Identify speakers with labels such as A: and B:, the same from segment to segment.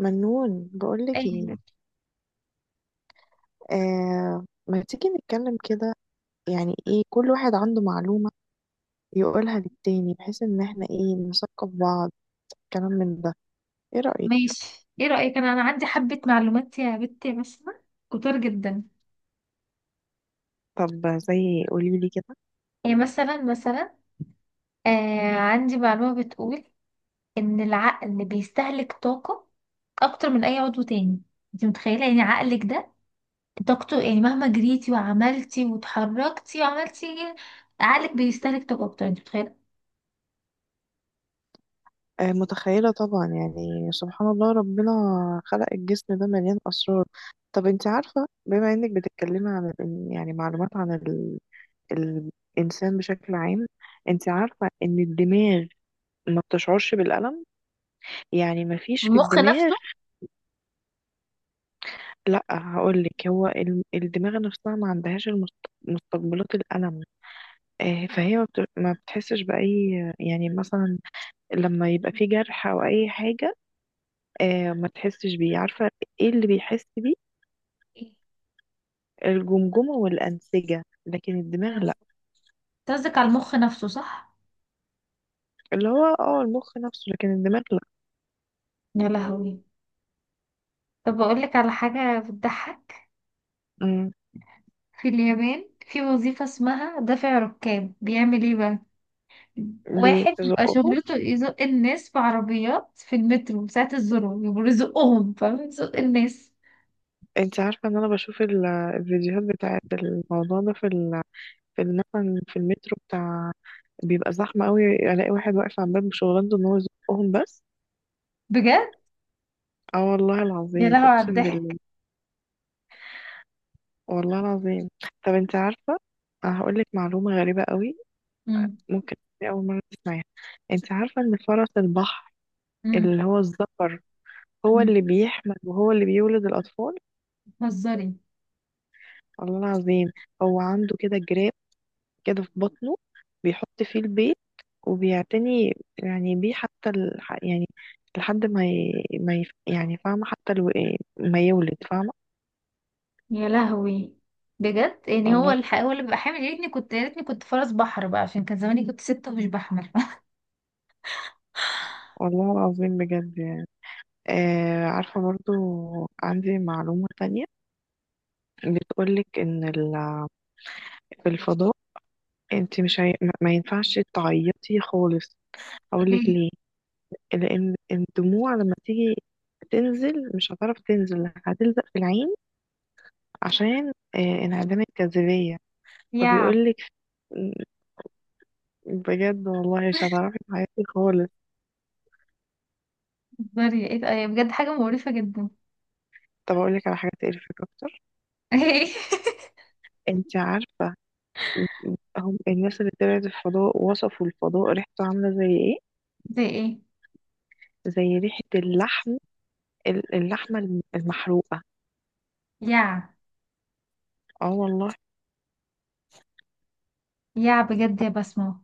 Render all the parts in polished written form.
A: منون بقولك ايه؟
B: ايه،
A: آه، ما تيجي نتكلم كده؟ يعني ايه، كل واحد عنده معلومة يقولها للتاني بحيث ان احنا ايه نثقف بعض، كلام من ده. ايه رأيك؟
B: ماشي، ايه رأيك؟ انا عندي حبة معلومات يا بنتي، مثلا كتير جدا.
A: طب زي قوليلي كده.
B: ايه، مثلا. عندي معلومة بتقول ان العقل بيستهلك طاقة اكتر من اي عضو تاني. انت متخيلة؟ يعني عقلك ده طاقته، يعني مهما جريتي وعملتي وتحركتي وعملتي إيه، عقلك بيستهلك طاقة اكتر. انت متخيلة.
A: آه متخيلة طبعا، يعني سبحان الله، ربنا خلق الجسم ده مليان أسرار. طب انت عارفة، بما انك بتتكلمي عن يعني معلومات عن الإنسان بشكل عام. انت عارفة ان الدماغ ما بتشعرش بالألم؟ يعني ما فيش في
B: المخ
A: الدماغ.
B: نفسه.
A: لا، هقولك، هو الدماغ نفسها ما عندهاش مستقبلات الألم. آه، فهي ما بتحسش بأي، يعني مثلا لما يبقى في جرح أو أي حاجة، آه، ما تحسش بيه. عارفة ايه اللي بيحس بيه؟
B: إيه؟
A: الجمجمة والأنسجة، لكن الدماغ لا.
B: قصدك على المخ نفسه صح؟
A: اللي هو المخ نفسه، لكن الدماغ لا.
B: يا لهوي. طب أقول لك على حاجة بتضحك.
A: مم.
B: في اليابان في وظيفة اسمها دافع ركاب. بيعمل ايه بقى؟ واحد بيبقى
A: بيزقه.
B: شغلته يزق الناس في عربيات في المترو ساعة الذروة، يبقوا يزقهم، فاهم؟ يزق الناس.
A: انت عارفة ان انا بشوف الفيديوهات بتاعت الموضوع ده مثلا في المترو بتاع، بيبقى زحمة قوي، الاقي واحد واقف على الباب، شغلانته ان هو يزقهم بس.
B: بجد.
A: اه والله
B: يا
A: العظيم،
B: لهوي على
A: اقسم بالله.
B: الضحك.
A: والله العظيم. طب انت عارفة، انا هقول لك معلومة غريبة قوي،
B: امم.
A: ممكن تكوني اول مرة تسمعيها. انت عارفة ان فرس البحر،
B: امم.
A: اللي هو الذكر، هو
B: امم.
A: اللي بيحمل وهو اللي بيولد الاطفال؟
B: بتهزري.
A: والله العظيم. هو عنده كده جراب، كده في بطنه، بيحط فيه البيت، وبيعتني يعني بيه، حتى يعني لحد ما يعني، فاهمة؟ حتى ما يولد، فاهمة.
B: يا لهوي. بجد يعني
A: والله.
B: هو اللي بيبقى حامل. يا ريتني كنت فرس بحر بقى، عشان كان زماني كنت ست ومش بحمل.
A: والله العظيم بجد يعني. آه عارفة، برضو عندي معلومة تانية، بتقولك إن في الفضاء، انت مش هي... ما ينفعش تعيطي خالص. أقولك
B: ايه.
A: ليه؟ لأن الدموع لما تيجي تنزل، مش هتعرف تنزل، هتلزق في العين، عشان انعدام الجاذبية.
B: يا.
A: فبيقولك بجد والله مش هتعرفي تعيطي خالص.
B: بتهزري؟ ايه ده؟ بجد حاجة مقرفة جدا.
A: طب أقولك على حاجة تقرفك أكتر؟
B: ايه.
A: انت عارفة، هم الناس اللي طلعت الفضاء وصفوا الفضاء، ريحته عاملة زي ايه؟
B: زي ايه؟
A: زي ريحة اللحم، اللحمة المحروقة.
B: يا.
A: اه والله.
B: يا. بجد يا بسمة.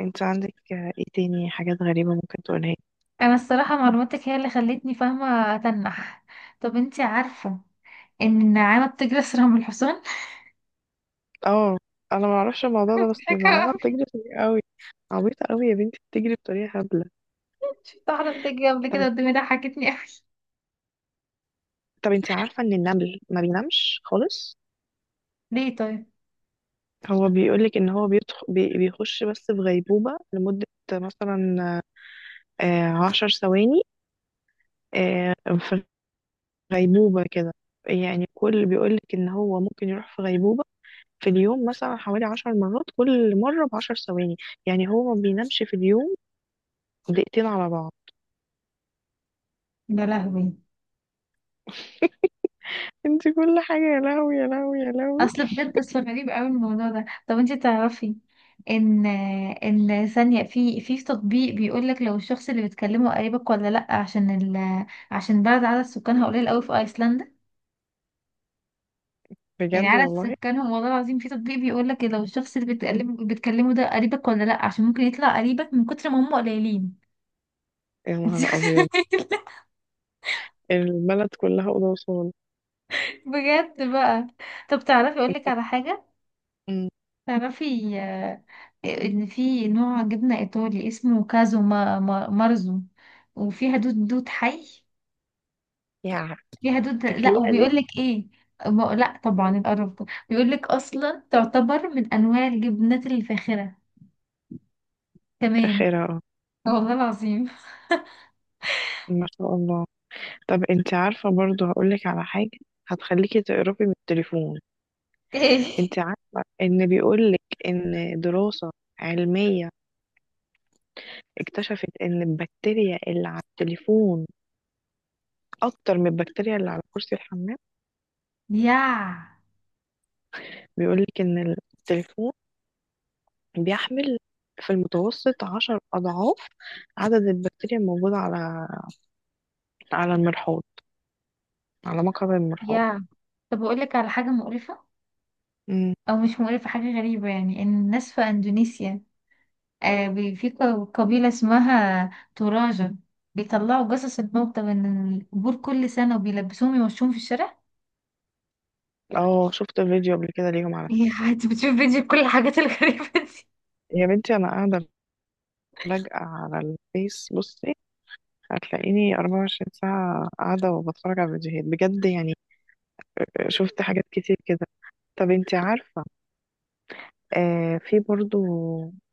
A: انت عندك ايه تاني حاجات غريبة ممكن تقولها لي؟
B: انا الصراحة معلوماتك هي اللي خلتني فاهمة اتنح. طب انتي عارفة ان النعامة بتجري اسرع من الحصان؟
A: اه، انا ما اعرفش الموضوع ده، بس
B: مضحكة
A: النعامة
B: أوي.
A: بتجري سريع قوي. عبيطة قوي يا بنتي، بتجري بطريقة هبلة.
B: شفت واحدة بتجري قبل كده
A: طب،
B: قدامي، ضحكتني اوي.
A: طب انت عارفة ان النمل ما بينامش خالص؟
B: ليه طيب؟
A: هو بيقولك ان هو بيخش بس في غيبوبة، لمدة مثلا 10 ثواني، غيبوبة كده. يعني، كل بيقولك إن هو ممكن يروح في غيبوبة في اليوم مثلا حوالي 10 مرات، كل مرة بعشر ثواني، يعني هو ما بينامش في اليوم دقيقتين على بعض.
B: يا لهوي.
A: انت كل حاجة يا لهوي يا لهوي يا لهوي!
B: اصل بجد، اصل غريب اوي الموضوع ده. طب انتي تعرفي ان ان ثانية في تطبيق بيقولك لو الشخص اللي بتكلمه قريبك ولا لأ، عشان عشان بلد عدد سكانها قليل اوي، في ايسلندا. يعني
A: بجد
B: على
A: والله.
B: سكانهم، والله العظيم، في تطبيق بيقول لك لو الشخص اللي بتكلمه ده قريبك ولا لا، عشان ممكن يطلع قريبك من كتر ما هم قليلين.
A: يا نهار أبيض!
B: انت متخيلة؟
A: البلد كلها أوضة وصالة.
B: بجد بقى. طب تعرفي اقول
A: انت.
B: لك على حاجة.
A: مم.
B: تعرفي، ان في نوع جبنة ايطالي اسمه كازو ما مارزو، وفيها دود، دود حي.
A: يا!
B: فيها دود، لا،
A: تكلية دي؟
B: وبيقول لك ايه؟ لا، طبعا القرف ده بيقول لك اصلا تعتبر من انواع الجبنات الفاخرة كمان.
A: آخرها اه.
B: والله العظيم.
A: ما شاء الله. طب انت عارفة، برضو هقولك على حاجة هتخليكي تقربي من التليفون.
B: ايه.
A: انت عارفة ان بيقولك ان دراسة علمية اكتشفت ان البكتيريا اللي على التليفون اكتر من البكتيريا اللي على كرسي الحمام؟
B: يا.
A: بيقولك ان التليفون بيحمل، في المتوسط، 10 اضعاف عدد البكتيريا الموجودة على المرحاض، على مقعد المرحاض.
B: يا. طب اقول لك على حاجه مقرفه،
A: مم.
B: او مش مقرفه، حاجه غريبه. يعني ان الناس في اندونيسيا، قبيله اسمها توراجة، بيطلعوا جثث الموتى من القبور كل سنه وبيلبسوهم، يمشوهم في الشارع.
A: اه، شفت فيديو قبل كده ليهم على
B: يا.
A: فكرة.
B: انت بتشوف فيديو كل الحاجات الغريبة دي.
A: يا بنتي انا قاعدة لاجئة على الفيس، بصي هتلاقيني 24 ساعة قاعدة وبتفرج على فيديوهات، بجد يعني، شفت حاجات كتير كده. طب انتي عارفة، في برضو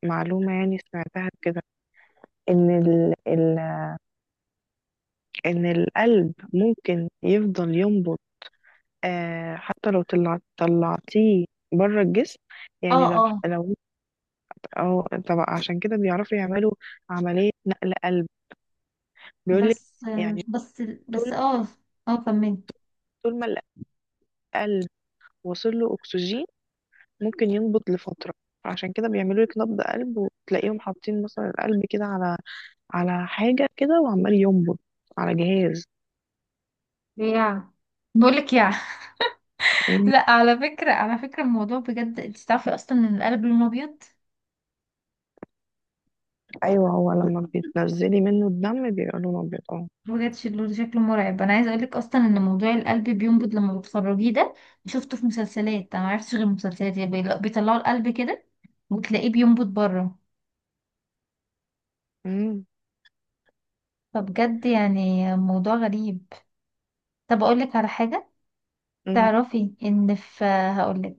A: معلومة، يعني سمعتها كده، إن ال ال إن القلب ممكن يفضل ينبض آه حتى لو طلعتيه بره الجسم.
B: اه،
A: يعني لو
B: اه.
A: لو أو طب، عشان كده بيعرفوا يعملوا عملية نقل قلب، بيقولك،
B: بس،
A: يعني
B: بس،
A: طول
B: بس. اه، اه، كملي.
A: طول ما القلب وصل له أكسجين ممكن ينبض لفترة. عشان كده بيعملوا لك نبض قلب وتلاقيهم حاطين مثلا القلب كده على حاجة كده وعمال ينبض على جهاز.
B: يا، بقولك، يا. لا، على فكرة، على فكرة الموضوع بجد، انت تعرفي اصلا ان القلب لونه ابيض؟
A: ايوه هو لما بتنزلي منه الدم بيبقى لونه ابيض، اه.
B: بجد شكله مرعب. انا عايزه اقولك اصلا ان موضوع القلب بينبض لما بتخرجيه ده، شفته في مسلسلات. انا ما عرفتش غير المسلسلات يعني، بيطلعوا القلب كده وتلاقيه بينبض بره.
A: أمم.
B: فبجد يعني موضوع غريب. طب اقولك على حاجه.
A: أمم.
B: تعرفي ان في، هقولك،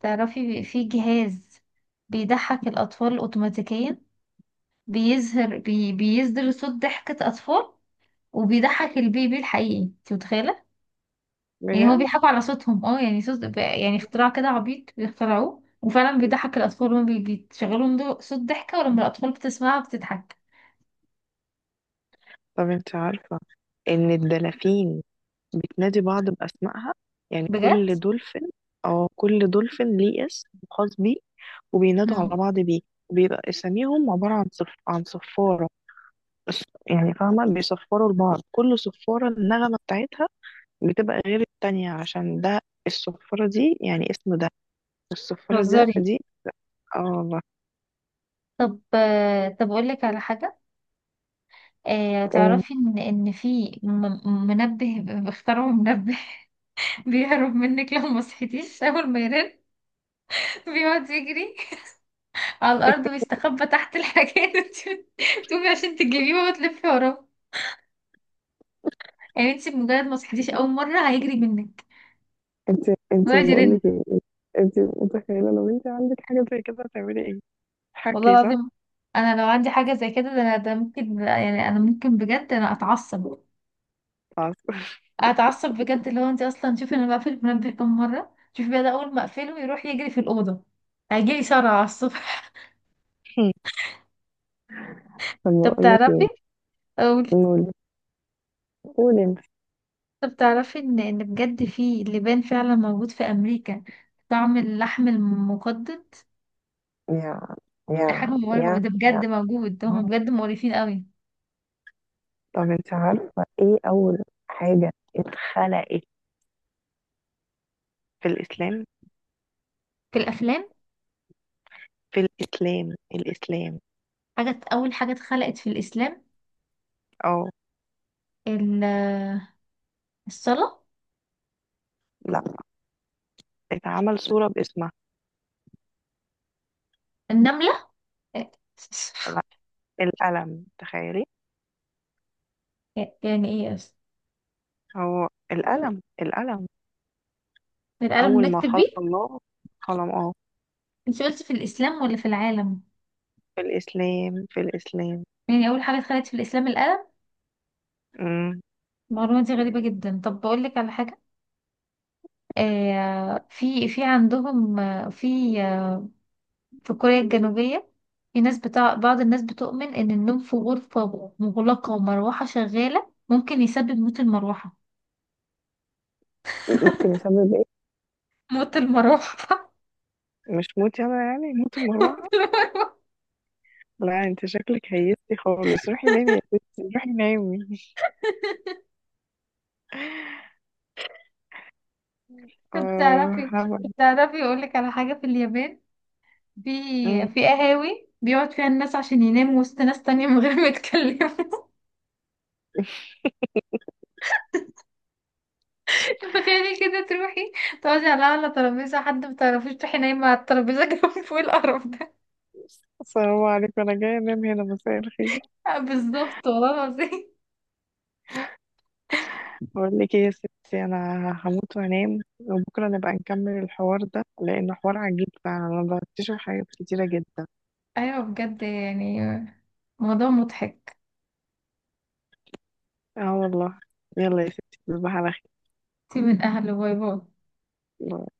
B: تعرفي في جهاز بيضحك الاطفال اوتوماتيكيا. بيصدر صوت ضحكه اطفال وبيضحك البيبي الحقيقي. انت متخيله؟ يعني هو
A: بجد.
B: بيضحكوا على صوتهم، اه، يعني يعني اختراع كده عبيط بيخترعوه، وفعلا بيضحك الأطفال لما بيشغلهم صوت ضحكة، ولما الأطفال بتسمعها بتضحك.
A: طب انت عارفه ان الدلافين بتنادي بعض باسمائها؟ يعني
B: بجد؟
A: كل دولفين... اه، كل دولفين ليه اسم خاص بيه وبينادوا على
B: مم.
A: بعض بيه. وبيبقى اساميهم عباره عن صفاره بس، يعني فاهمه؟ بيصفروا لبعض، كل صفاره النغمه بتاعتها بتبقى غير التانية، عشان ده الصفاره دي يعني اسم، ده الصفاره ده
B: بتهزري.
A: دي اه والله.
B: طب، طب أقول لك على حاجة.
A: إيه؟
B: تعرفي إن في، منبه، اخترعوا منبه بيهرب منك لو ما صحيتيش أول ما يرن. بيقعد يجري على الأرض ويستخبى تحت الحاجات. تقومي عشان تجيبيه وتلفي وراه. يعني انت بمجرد ما صحيتيش أول مرة هيجري منك
A: انت
B: ويقعد
A: بقول
B: يرن.
A: لك ايه، انت متخيله لو انت عندك حاجه زي كده هتعملي ايه؟
B: والله
A: حكي صح.
B: العظيم، انا لو عندي حاجه زي كده، ده انا، ده ممكن، يعني انا ممكن بجد، انا اتعصب،
A: خلاص.
B: اتعصب بجد. اللي هو انت اصلا شوفي، انا بقفل المنبه كم مره. شوفي بقى، ده اول ما اقفله يروح يجري في الاوضه. هيجيلي صرع على الصبح.
A: طب
B: طب
A: بقول لك
B: تعرفي
A: ايه؟
B: اقول.
A: نقول، قول انت.
B: طب تعرفي ان بجد في لبان فعلا موجود في امريكا طعم اللحم المقدد.
A: يا
B: دي حاجه
A: يا
B: مقرفه،
A: يا
B: ده
A: يا!
B: بجد موجود، ده هم بجد مقرفين قوي.
A: طب انت عارفه ايه اول حاجه اتخلقت في الاسلام؟
B: في الافلام؟
A: في الاسلام، الاسلام.
B: حاجه، اول حاجه اتخلقت في الاسلام
A: اه.
B: ال- الصلاه؟
A: لا. اتعمل صوره باسمها.
B: النمله؟ إيه؟
A: لا. القلم، تخيلي!
B: إيه، يعني ايه اصلا؟
A: هو القلم، القلم.
B: القلم
A: اول ما
B: نكتب
A: خلق
B: بيه.
A: الله قلم، اه.
B: انت قلت في الاسلام ولا في العالم؟
A: في الاسلام، في الاسلام.
B: يعني اول حاجه اتخلقت في الاسلام القلم. المعلومه دي غريبه جدا. طب بقول لك على حاجه. في عندهم، آه، في كوريا الجنوبيه، في ناس بتاع بعض الناس بتؤمن ان النوم في غرفه مغلقه ومروحه شغاله ممكن يسبب موت المروحه.
A: ممكن يسبب ايه؟
B: موت المروحه؟
A: مش موتي انا، يعني موت
B: موت
A: المروعه؟
B: المروحه.
A: لا، انت شكلك هيستي خالص، روحي نامي يا ستي، روحي نامي.
B: طب
A: اه،
B: تعرفي. طب
A: هعمل.
B: تعرفي اقول لك على حاجه، في اليابان في،
A: مم.
B: في قهاوي بيقعد فيها الناس عشان يناموا وسط ناس تانية من غير ما يتكلموا. تخيلي كده، تروحي تقعدي على أعلى ترابيزة، حد متعرفيش، تروحي نايمة على الترابيزة جنب، فوق القرف ده.
A: السلام عليكم، انا جايه انام هنا، مساء الخير.
B: بالظبط والله العظيم.
A: بقول لك ايه يا ستي، انا هموت وانام، وبكره نبقى نكمل الحوار ده، لانه حوار عجيب فعلا، انا بكتشف حاجات كتيره جدا.
B: أيوة بجد يعني، موضوع مضحك.
A: اه والله. يلا يا ستي، تصبحي على
B: سيب من أهله، باي باي.
A: خير.